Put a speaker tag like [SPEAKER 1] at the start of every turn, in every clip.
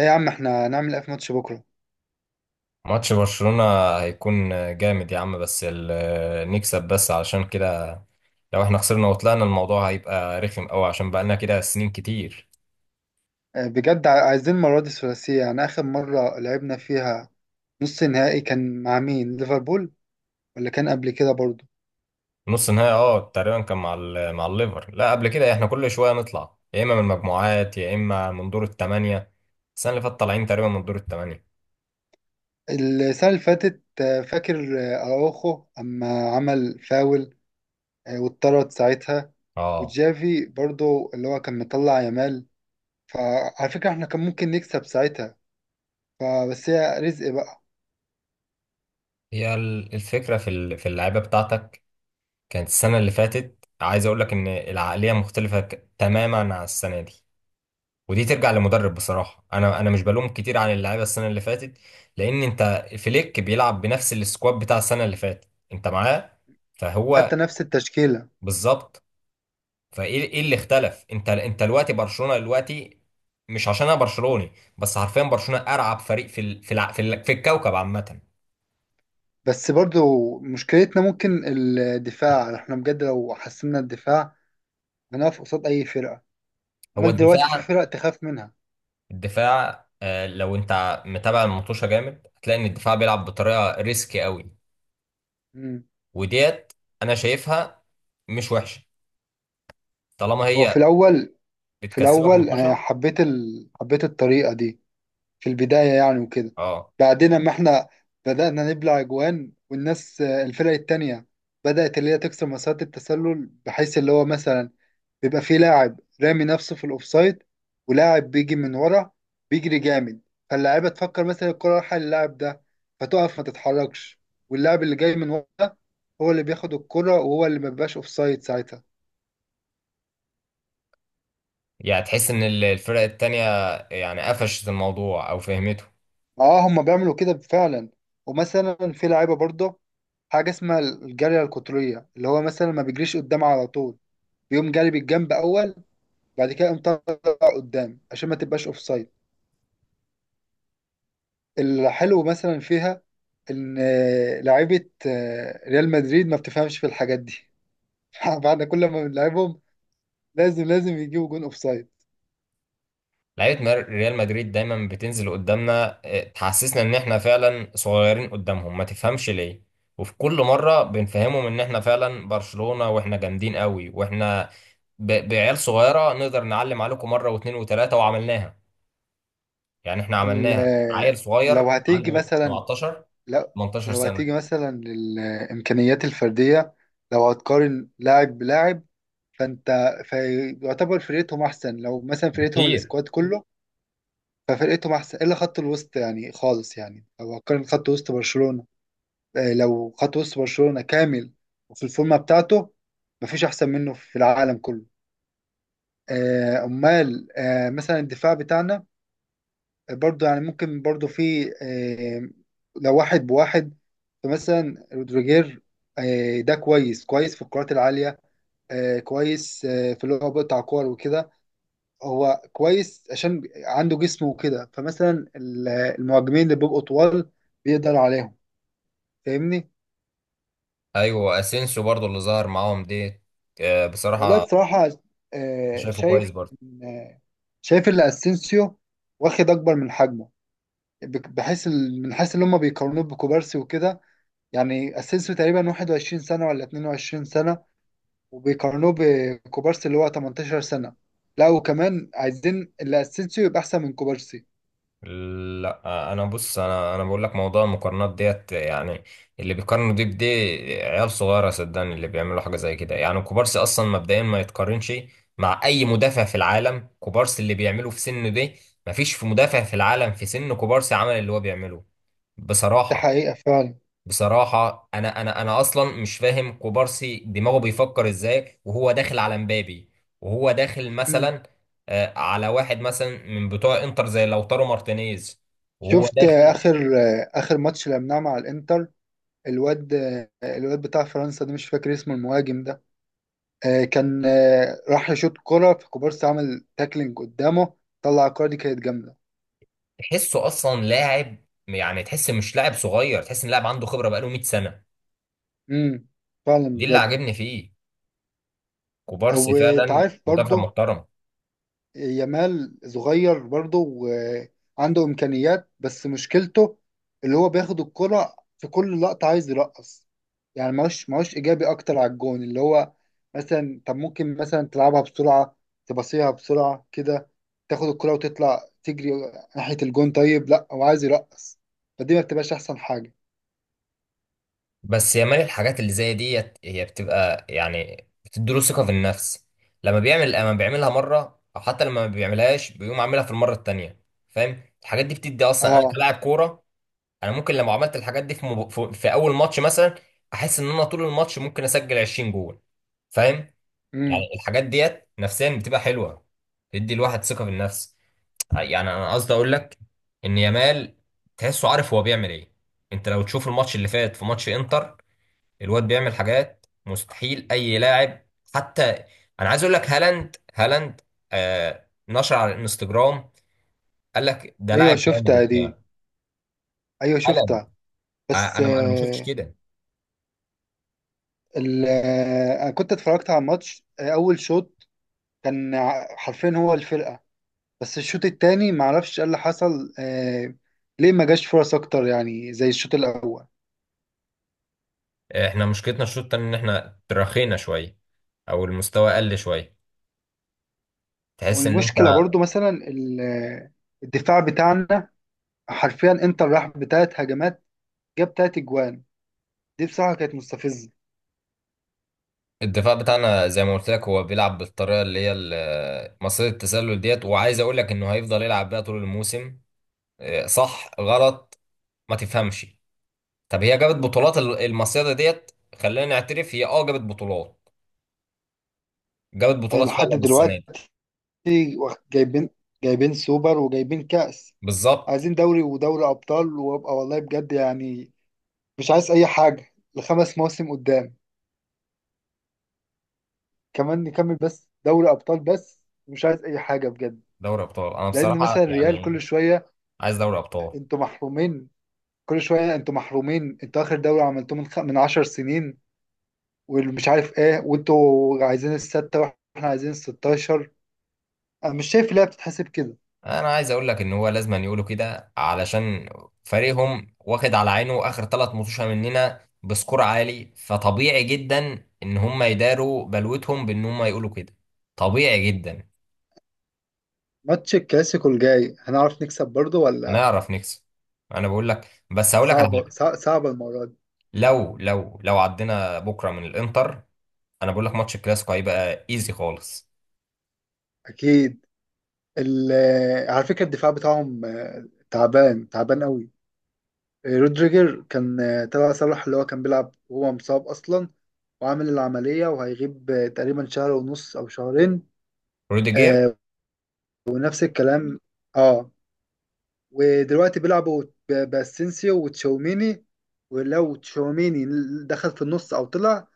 [SPEAKER 1] اي يا عم احنا هنعمل ايه في ماتش بكره؟
[SPEAKER 2] ماتش برشلونة هيكون جامد يا عم، بس نكسب بس علشان كده. لو احنا خسرنا وطلعنا، الموضوع هيبقى رخم قوي عشان بقالنا كده سنين كتير.
[SPEAKER 1] بجد عايزين المره دي الثلاثيه. يعني اخر مره لعبنا فيها نص نهائي كان مع مين؟ ليفربول ولا كان قبل كده برضو؟
[SPEAKER 2] نص نهائي تقريبا كان مع مع الليفر، لا قبل كده. احنا كل شوية نطلع يا اما من المجموعات يا اما من دور الثمانية. السنة اللي فاتت طالعين تقريبا من دور الثمانية.
[SPEAKER 1] السنه اللي فاتت، فاكر اراوخو اما عمل فاول واتطرد ساعتها،
[SPEAKER 2] اه
[SPEAKER 1] وجافي برضو اللي هو كان مطلع يامال. فعلى فكره احنا كان ممكن نكسب ساعتها، فبس هي رزق بقى.
[SPEAKER 2] هي الفكرة في في اللعيبة بتاعتك. كانت السنة اللي فاتت، عايز اقول لك ان العقلية مختلفة تماما عن السنة دي. ودي ترجع لمدرب. بصراحه انا مش بلوم كتير عن اللعيبه السنه اللي فاتت، لان انت فليك بيلعب بنفس السكواد بتاع السنه اللي فاتت. انت معاه، فهو.
[SPEAKER 1] حتى نفس التشكيله.
[SPEAKER 2] بالظبط. فايه، ايه اللي اختلف، انت دلوقتي برشلونه دلوقتي. مش عشان انا برشلوني، بس حرفيا برشلونه ارعب فريق في ال... في الع... في, ال... في الكوكب عامه.
[SPEAKER 1] بس برضو مشكلتنا ممكن الدفاع. احنا بجد لو حسنا الدفاع انا اقف قصاد اي فرقه.
[SPEAKER 2] هو
[SPEAKER 1] امال دلوقتي في
[SPEAKER 2] الدفاع.
[SPEAKER 1] فرق تخاف منها؟
[SPEAKER 2] الدفاع، لو انت متابع المطوشه جامد، هتلاقي ان الدفاع بيلعب بطريقه ريسكي قوي.
[SPEAKER 1] امم.
[SPEAKER 2] وديت انا شايفها مش وحشه، طالما
[SPEAKER 1] هو
[SPEAKER 2] هي
[SPEAKER 1] في الاول، في
[SPEAKER 2] اتكسبوا
[SPEAKER 1] الاول انا
[SPEAKER 2] 15.
[SPEAKER 1] حبيت حبيت الطريقه دي في البدايه يعني وكده.
[SPEAKER 2] اه
[SPEAKER 1] بعدين اما احنا بدانا نبلع اجوان والناس، الفرق التانية بدات اللي هي تكسر مسارات التسلل، بحيث اللي هو مثلا بيبقى في لاعب رامي نفسه في الاوفسايد، ولاعب بيجي من ورا بيجري جامد، فاللاعيبه تفكر مثلا الكره رايحه للاعب ده فتقف ما تتحركش، واللاعب اللي جاي من ورا ده هو اللي بياخد الكره وهو اللي ما بيبقاش اوفسايد ساعتها.
[SPEAKER 2] يعني تحس ان الفرق التانية يعني قفشت الموضوع او فهمته.
[SPEAKER 1] اه، هما بيعملوا كده فعلا. ومثلا في لعيبه برضه حاجه اسمها الجاريه القطريه، اللي هو مثلا ما بيجريش قدام على طول، بيقوم جاري بالجنب اول، بعد كده يقوم طالع قدام عشان ما تبقاش اوفسايد. الحلو مثلا فيها ان لعيبه ريال مدريد ما بتفهمش في الحاجات دي. بعد كل ما بنلعبهم لازم لازم يجيبوا جون اوفسايد.
[SPEAKER 2] لعيبة ريال مدريد دايما بتنزل قدامنا، تحسسنا ان احنا فعلا صغيرين قدامهم، ما تفهمش ليه. وفي كل مرة بنفهمهم ان احنا فعلا برشلونة واحنا جامدين قوي، واحنا بعيال صغيرة نقدر نعلم عليكم مرة واثنين وثلاثة، وعملناها. يعني احنا عملناها، عيل
[SPEAKER 1] لو
[SPEAKER 2] صغير
[SPEAKER 1] هتيجي
[SPEAKER 2] عنده
[SPEAKER 1] مثلا،
[SPEAKER 2] 17،
[SPEAKER 1] لو
[SPEAKER 2] 18
[SPEAKER 1] لو
[SPEAKER 2] سنة.
[SPEAKER 1] هتيجي مثلا للامكانيات الفرديه، لو هتقارن لاعب بلاعب، فانت فيعتبر فرقتهم احسن. لو مثلا فرقتهم
[SPEAKER 2] بكتير.
[SPEAKER 1] السكواد كله، ففرقتهم احسن الا خط الوسط يعني خالص. يعني لو هتقارن خط وسط برشلونه، لو خد وسط برشلونة كامل وفي الفورمة بتاعته، مفيش أحسن منه في العالم كله. آه، أمال آه، مثلا الدفاع بتاعنا، برضو يعني ممكن برضو في لو واحد بواحد، فمثلا رودريجير، ده كويس كويس في الكرات العالية، كويس في اللي هو بيقطع كور وكده. هو كويس عشان عنده جسمه وكده، فمثلا المهاجمين اللي بيبقوا طوال بيقدر عليهم. فاهمني.
[SPEAKER 2] ايوه، اسينسيو برضو اللي ظهر معاهم ديت.
[SPEAKER 1] والله
[SPEAKER 2] بصراحه
[SPEAKER 1] بصراحة آه،
[SPEAKER 2] شايفه كويس
[SPEAKER 1] شايف
[SPEAKER 2] برضو.
[SPEAKER 1] إن- آه، شايف ان اسينسيو واخد اكبر من حجمه، بحيث من حيث ان هم بيقارنوه بكوبارسي وكده. يعني اسينسيو تقريبا 21 سنة ولا 22 سنة وبيقارنوه بكوبارسي اللي هو 18 سنة، لا وكمان عايزين اللي اسينسيو يبقى احسن من كوبارسي.
[SPEAKER 2] لا، انا بص، انا بقول لك موضوع المقارنات ديت يعني اللي بيقارنوا دي بدي، عيال صغيره، صدقني، اللي بيعملوا حاجه زي كده. يعني كوبارسي اصلا مبدئيا ما يتقارنش مع اي مدافع في العالم. كوبارسي اللي بيعمله في سنه دي، مفيش في مدافع في العالم في سن كوبارسي عمل اللي هو بيعمله،
[SPEAKER 1] ده
[SPEAKER 2] بصراحه.
[SPEAKER 1] حقيقة فعلا.
[SPEAKER 2] بصراحة أنا أصلا مش فاهم كوبارسي دماغه بيفكر إزاي وهو داخل على مبابي، وهو داخل
[SPEAKER 1] مم.
[SPEAKER 2] مثلا على واحد مثلا من بتوع إنتر زي لوتارو مارتينيز وهو
[SPEAKER 1] شفت
[SPEAKER 2] داخل.
[SPEAKER 1] اخر ماتش لعبناه مع الانتر؟ الواد الواد بتاع فرنسا ده مش فاكر اسمه، المهاجم، كان راح يشوط كرة فكوبارسي عمل تاكلينج قدامه، طلع الكرة دي كانت جامدة.
[SPEAKER 2] تحسه أصلا لاعب، يعني تحس مش لاعب صغير، تحس إن لاعب عنده خبرة بقاله 100 سنة.
[SPEAKER 1] امم، فعلا
[SPEAKER 2] دي اللي
[SPEAKER 1] بجد.
[SPEAKER 2] عاجبني فيه، كوبارسي فعلا
[SPEAKER 1] وتعرف
[SPEAKER 2] مدافع
[SPEAKER 1] برضه،
[SPEAKER 2] محترم.
[SPEAKER 1] يامال صغير برضه وعنده إمكانيات، بس مشكلته اللي هو بياخد الكرة في كل لقطة عايز يرقص. يعني ماهوش ماهوش إيجابي أكتر على الجون. اللي هو مثلا طب ممكن مثلا تلعبها بسرعة، تباصيها بسرعة كده، تاخد الكرة وتطلع تجري ناحية الجون. طيب لا، هو عايز يرقص. فدي ما بتبقاش أحسن حاجة.
[SPEAKER 2] بس يا مان، الحاجات اللي زي ديت هي بتبقى يعني بتديله ثقة في النفس. لما بيعملها مرة، أو حتى لما ما بيعملهاش بيقوم عاملها في المرة التانية. فاهم؟ الحاجات دي بتدي، أصلا أنا
[SPEAKER 1] اه.
[SPEAKER 2] كلاعب كورة، أنا ممكن لو عملت الحاجات دي في, مب... في في أول ماتش مثلا، أحس إن أنا طول الماتش ممكن أسجل 20 جول. فاهم؟
[SPEAKER 1] امم.
[SPEAKER 2] يعني الحاجات ديت نفسيا بتبقى حلوة، تدي الواحد ثقة في النفس. يعني أنا قصدي أقول لك إن يامال تحسه عارف هو بيعمل إيه. أنت لو تشوف الماتش اللي فات، في ماتش إنتر الواد بيعمل حاجات مستحيل اي لاعب، حتى، انا عايز اقول لك، هالاند. هالاند نشر على الانستجرام، قال لك ده
[SPEAKER 1] ايوه
[SPEAKER 2] لاعب جامد
[SPEAKER 1] شفتها دي،
[SPEAKER 2] وبتاع.
[SPEAKER 1] ايوه
[SPEAKER 2] هالاند.
[SPEAKER 1] شفتها. بس
[SPEAKER 2] انا ما شفتش
[SPEAKER 1] آه،
[SPEAKER 2] كده.
[SPEAKER 1] انا كنت اتفرجت على الماتش، اول شوط كان حرفيا هو الفرقة. بس الشوط التاني معرفش ايه اللي حصل، آه، ليه ما جاش فرص اكتر يعني زي الشوط الاول.
[SPEAKER 2] احنا مشكلتنا الشوط التاني ان احنا تراخينا شويه او المستوى قل شويه، تحس ان انت.
[SPEAKER 1] والمشكلة برضو مثلا الدفاع بتاعنا، حرفيا انتر راح بتلات هجمات جاب تلات اجوان. دي بصراحة كانت مستفزة.
[SPEAKER 2] الدفاع بتاعنا زي ما قلت لك هو بيلعب بالطريقه اللي هي مصيدة التسلل ديت، وعايز اقول لك انه هيفضل يلعب بيها طول الموسم. صح غلط ما تفهمش. طب هي جابت بطولات المصيدة ديت، خلينا نعترف، هي جابت بطولات. جابت بطولات
[SPEAKER 1] لحد
[SPEAKER 2] فعلا السنة
[SPEAKER 1] دلوقتي
[SPEAKER 2] دي.
[SPEAKER 1] جايبين، جايبين سوبر وجايبين كأس.
[SPEAKER 2] بالظبط.
[SPEAKER 1] عايزين دوري ودوري أبطال، وابقى والله بجد يعني مش عايز أي حاجة لخمس مواسم قدام. كمان نكمل بس دوري ابطال بس، مش عايز اي حاجه بجد.
[SPEAKER 2] دوري ابطال انا
[SPEAKER 1] لان
[SPEAKER 2] بصراحة
[SPEAKER 1] مثلا الريال كل
[SPEAKER 2] يعني
[SPEAKER 1] شويه
[SPEAKER 2] عايز دوري ابطال.
[SPEAKER 1] انتوا محرومين، كل شويه انتوا محرومين، انتوا اخر دوري عملتوه من من 10 سنين والمش عارف ايه، وانتوا عايزين السته واحنا عايزين ال 16. انا مش شايف اللعبه بتتحسب كده.
[SPEAKER 2] انا عايز اقول لك ان هو لازم أن يقولوا كده، علشان فريقهم واخد على عينه اخر 3 مطوشة مننا بسكور عالي، فطبيعي جدا ان هم يداروا بلوتهم بان هم يقولوا كده، طبيعي جدا.
[SPEAKER 1] ماتش الكلاسيكو الجاي هنعرف نكسب برضه ولا؟
[SPEAKER 2] هنعرف نكسب، انا بقول لك، بس هقول لك على حاجة.
[SPEAKER 1] صعبه المره دي.
[SPEAKER 2] لو عدينا بكرة من الانتر، انا بقول لك ماتش الكلاسيكو هيبقى ايزي خالص.
[SPEAKER 1] اكيد. ال... على فكره الدفاع بتاعهم تعبان تعبان قوي. رودريجر كان تبع صلاح اللي هو كان بيلعب وهو مصاب أصلا، وعامل العملية وهيغيب تقريبا شهر ونص أو شهرين،
[SPEAKER 2] روديجير.
[SPEAKER 1] آه، ونفس الكلام. اه. ودلوقتي بيلعبوا باسينسيو وتشاوميني. ولو تشاوميني دخل في النص أو طلع،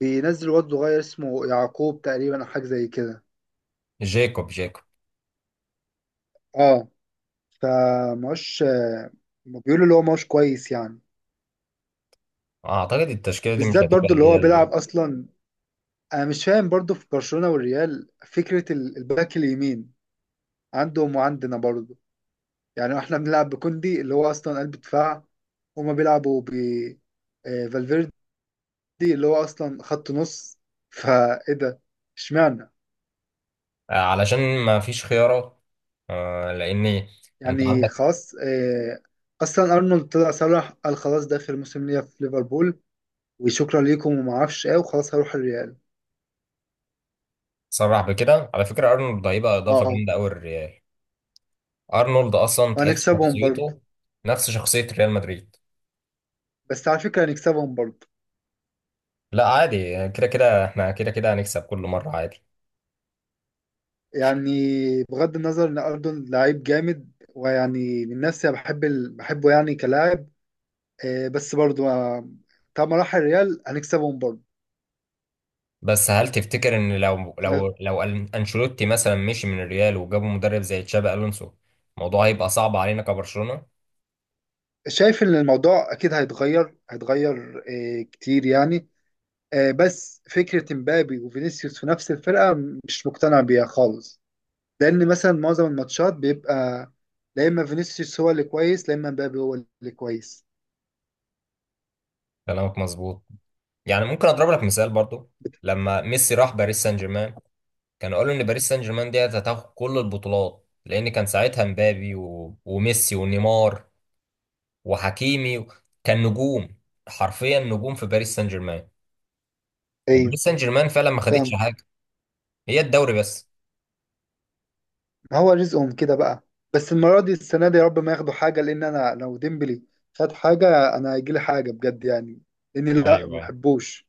[SPEAKER 1] بينزل واد صغير اسمه يعقوب تقريبا أو حاجة زي كده.
[SPEAKER 2] جاكوب جاكوب.
[SPEAKER 1] اه. فماهوش بيقولوا اللي هو ماهوش كويس يعني.
[SPEAKER 2] اعتقد التشكيله دي مش
[SPEAKER 1] وبالذات
[SPEAKER 2] هتبقى
[SPEAKER 1] برضو اللي
[SPEAKER 2] اللي هي
[SPEAKER 1] هو
[SPEAKER 2] اللي.
[SPEAKER 1] بيلعب أصلا. انا مش فاهم برضو في برشلونة والريال فكرة الباك اليمين عندهم وعندنا برضو. يعني احنا بنلعب بكوندي اللي هو اصلا قلب دفاع، هما بيلعبوا ب فالفيردي اللي هو اصلا خط نص. فايه ده؟ اشمعنى؟
[SPEAKER 2] علشان ما فيش خيارات، لان انت
[SPEAKER 1] يعني
[SPEAKER 2] عندك.
[SPEAKER 1] خلاص. اصلا ارنولد طلع صرح قال خلاص ده اخر موسم ليا في ليفربول، وشكرا ليكم وما اعرفش ايه وخلاص هروح الريال.
[SPEAKER 2] صرح بكده. على فكره ارنولد هيبقى اضافه
[SPEAKER 1] اه.
[SPEAKER 2] جامده قوي للريال. ارنولد اصلا تحس
[SPEAKER 1] وهنكسبهم برضو.
[SPEAKER 2] شخصيته نفس شخصيه ريال مدريد.
[SPEAKER 1] بس على فكرة هنكسبهم برضو.
[SPEAKER 2] لا، عادي، كده كده احنا كده كده هنكسب كل مره، عادي.
[SPEAKER 1] يعني بغض النظر ان اردن لعيب جامد، ويعني من نفسي أنا بحب بحبه يعني كلاعب، آه، بس برضو آه، طالما راح الريال هنكسبهم برضو.
[SPEAKER 2] بس هل تفتكر ان لو
[SPEAKER 1] انا
[SPEAKER 2] لو لو أن- انشيلوتي مثلا مشي من الريال وجابوا مدرب زي تشابي الونسو، الموضوع هيبقى صعب علينا كبرشلونه؟
[SPEAKER 1] شايف ان الموضوع اكيد هيتغير، هيتغير كتير يعني. بس فكرة مبابي وفينيسيوس في نفس الفرقة مش مقتنع بيها خالص. لان مثلا معظم الماتشات بيبقى لا اما فينيسيوس هو اللي كويس، لا اما مبابي هو اللي كويس.
[SPEAKER 2] كلامك مظبوط، يعني ممكن اضرب لك مثال برضو. لما ميسي راح باريس سان جيرمان، كانوا قالوا ان باريس سان جيرمان دي هتاخد كل البطولات، لان كان ساعتها مبابي وميسي ونيمار وحكيمي كان نجوم، حرفيا نجوم في باريس سان جيرمان.
[SPEAKER 1] ايوه،
[SPEAKER 2] وباريس سان جيرمان فعلا ما خدتش
[SPEAKER 1] فاهم.
[SPEAKER 2] حاجه، هي الدوري بس.
[SPEAKER 1] ما هو رزقهم كده بقى. بس المرة دي السنة دي يا رب ما ياخدوا حاجة، لأن أنا لو ديمبلي خد حاجة أنا هيجيلي حاجة بجد يعني، لأني لا ما
[SPEAKER 2] ايوه، أيوة.
[SPEAKER 1] بحبوش.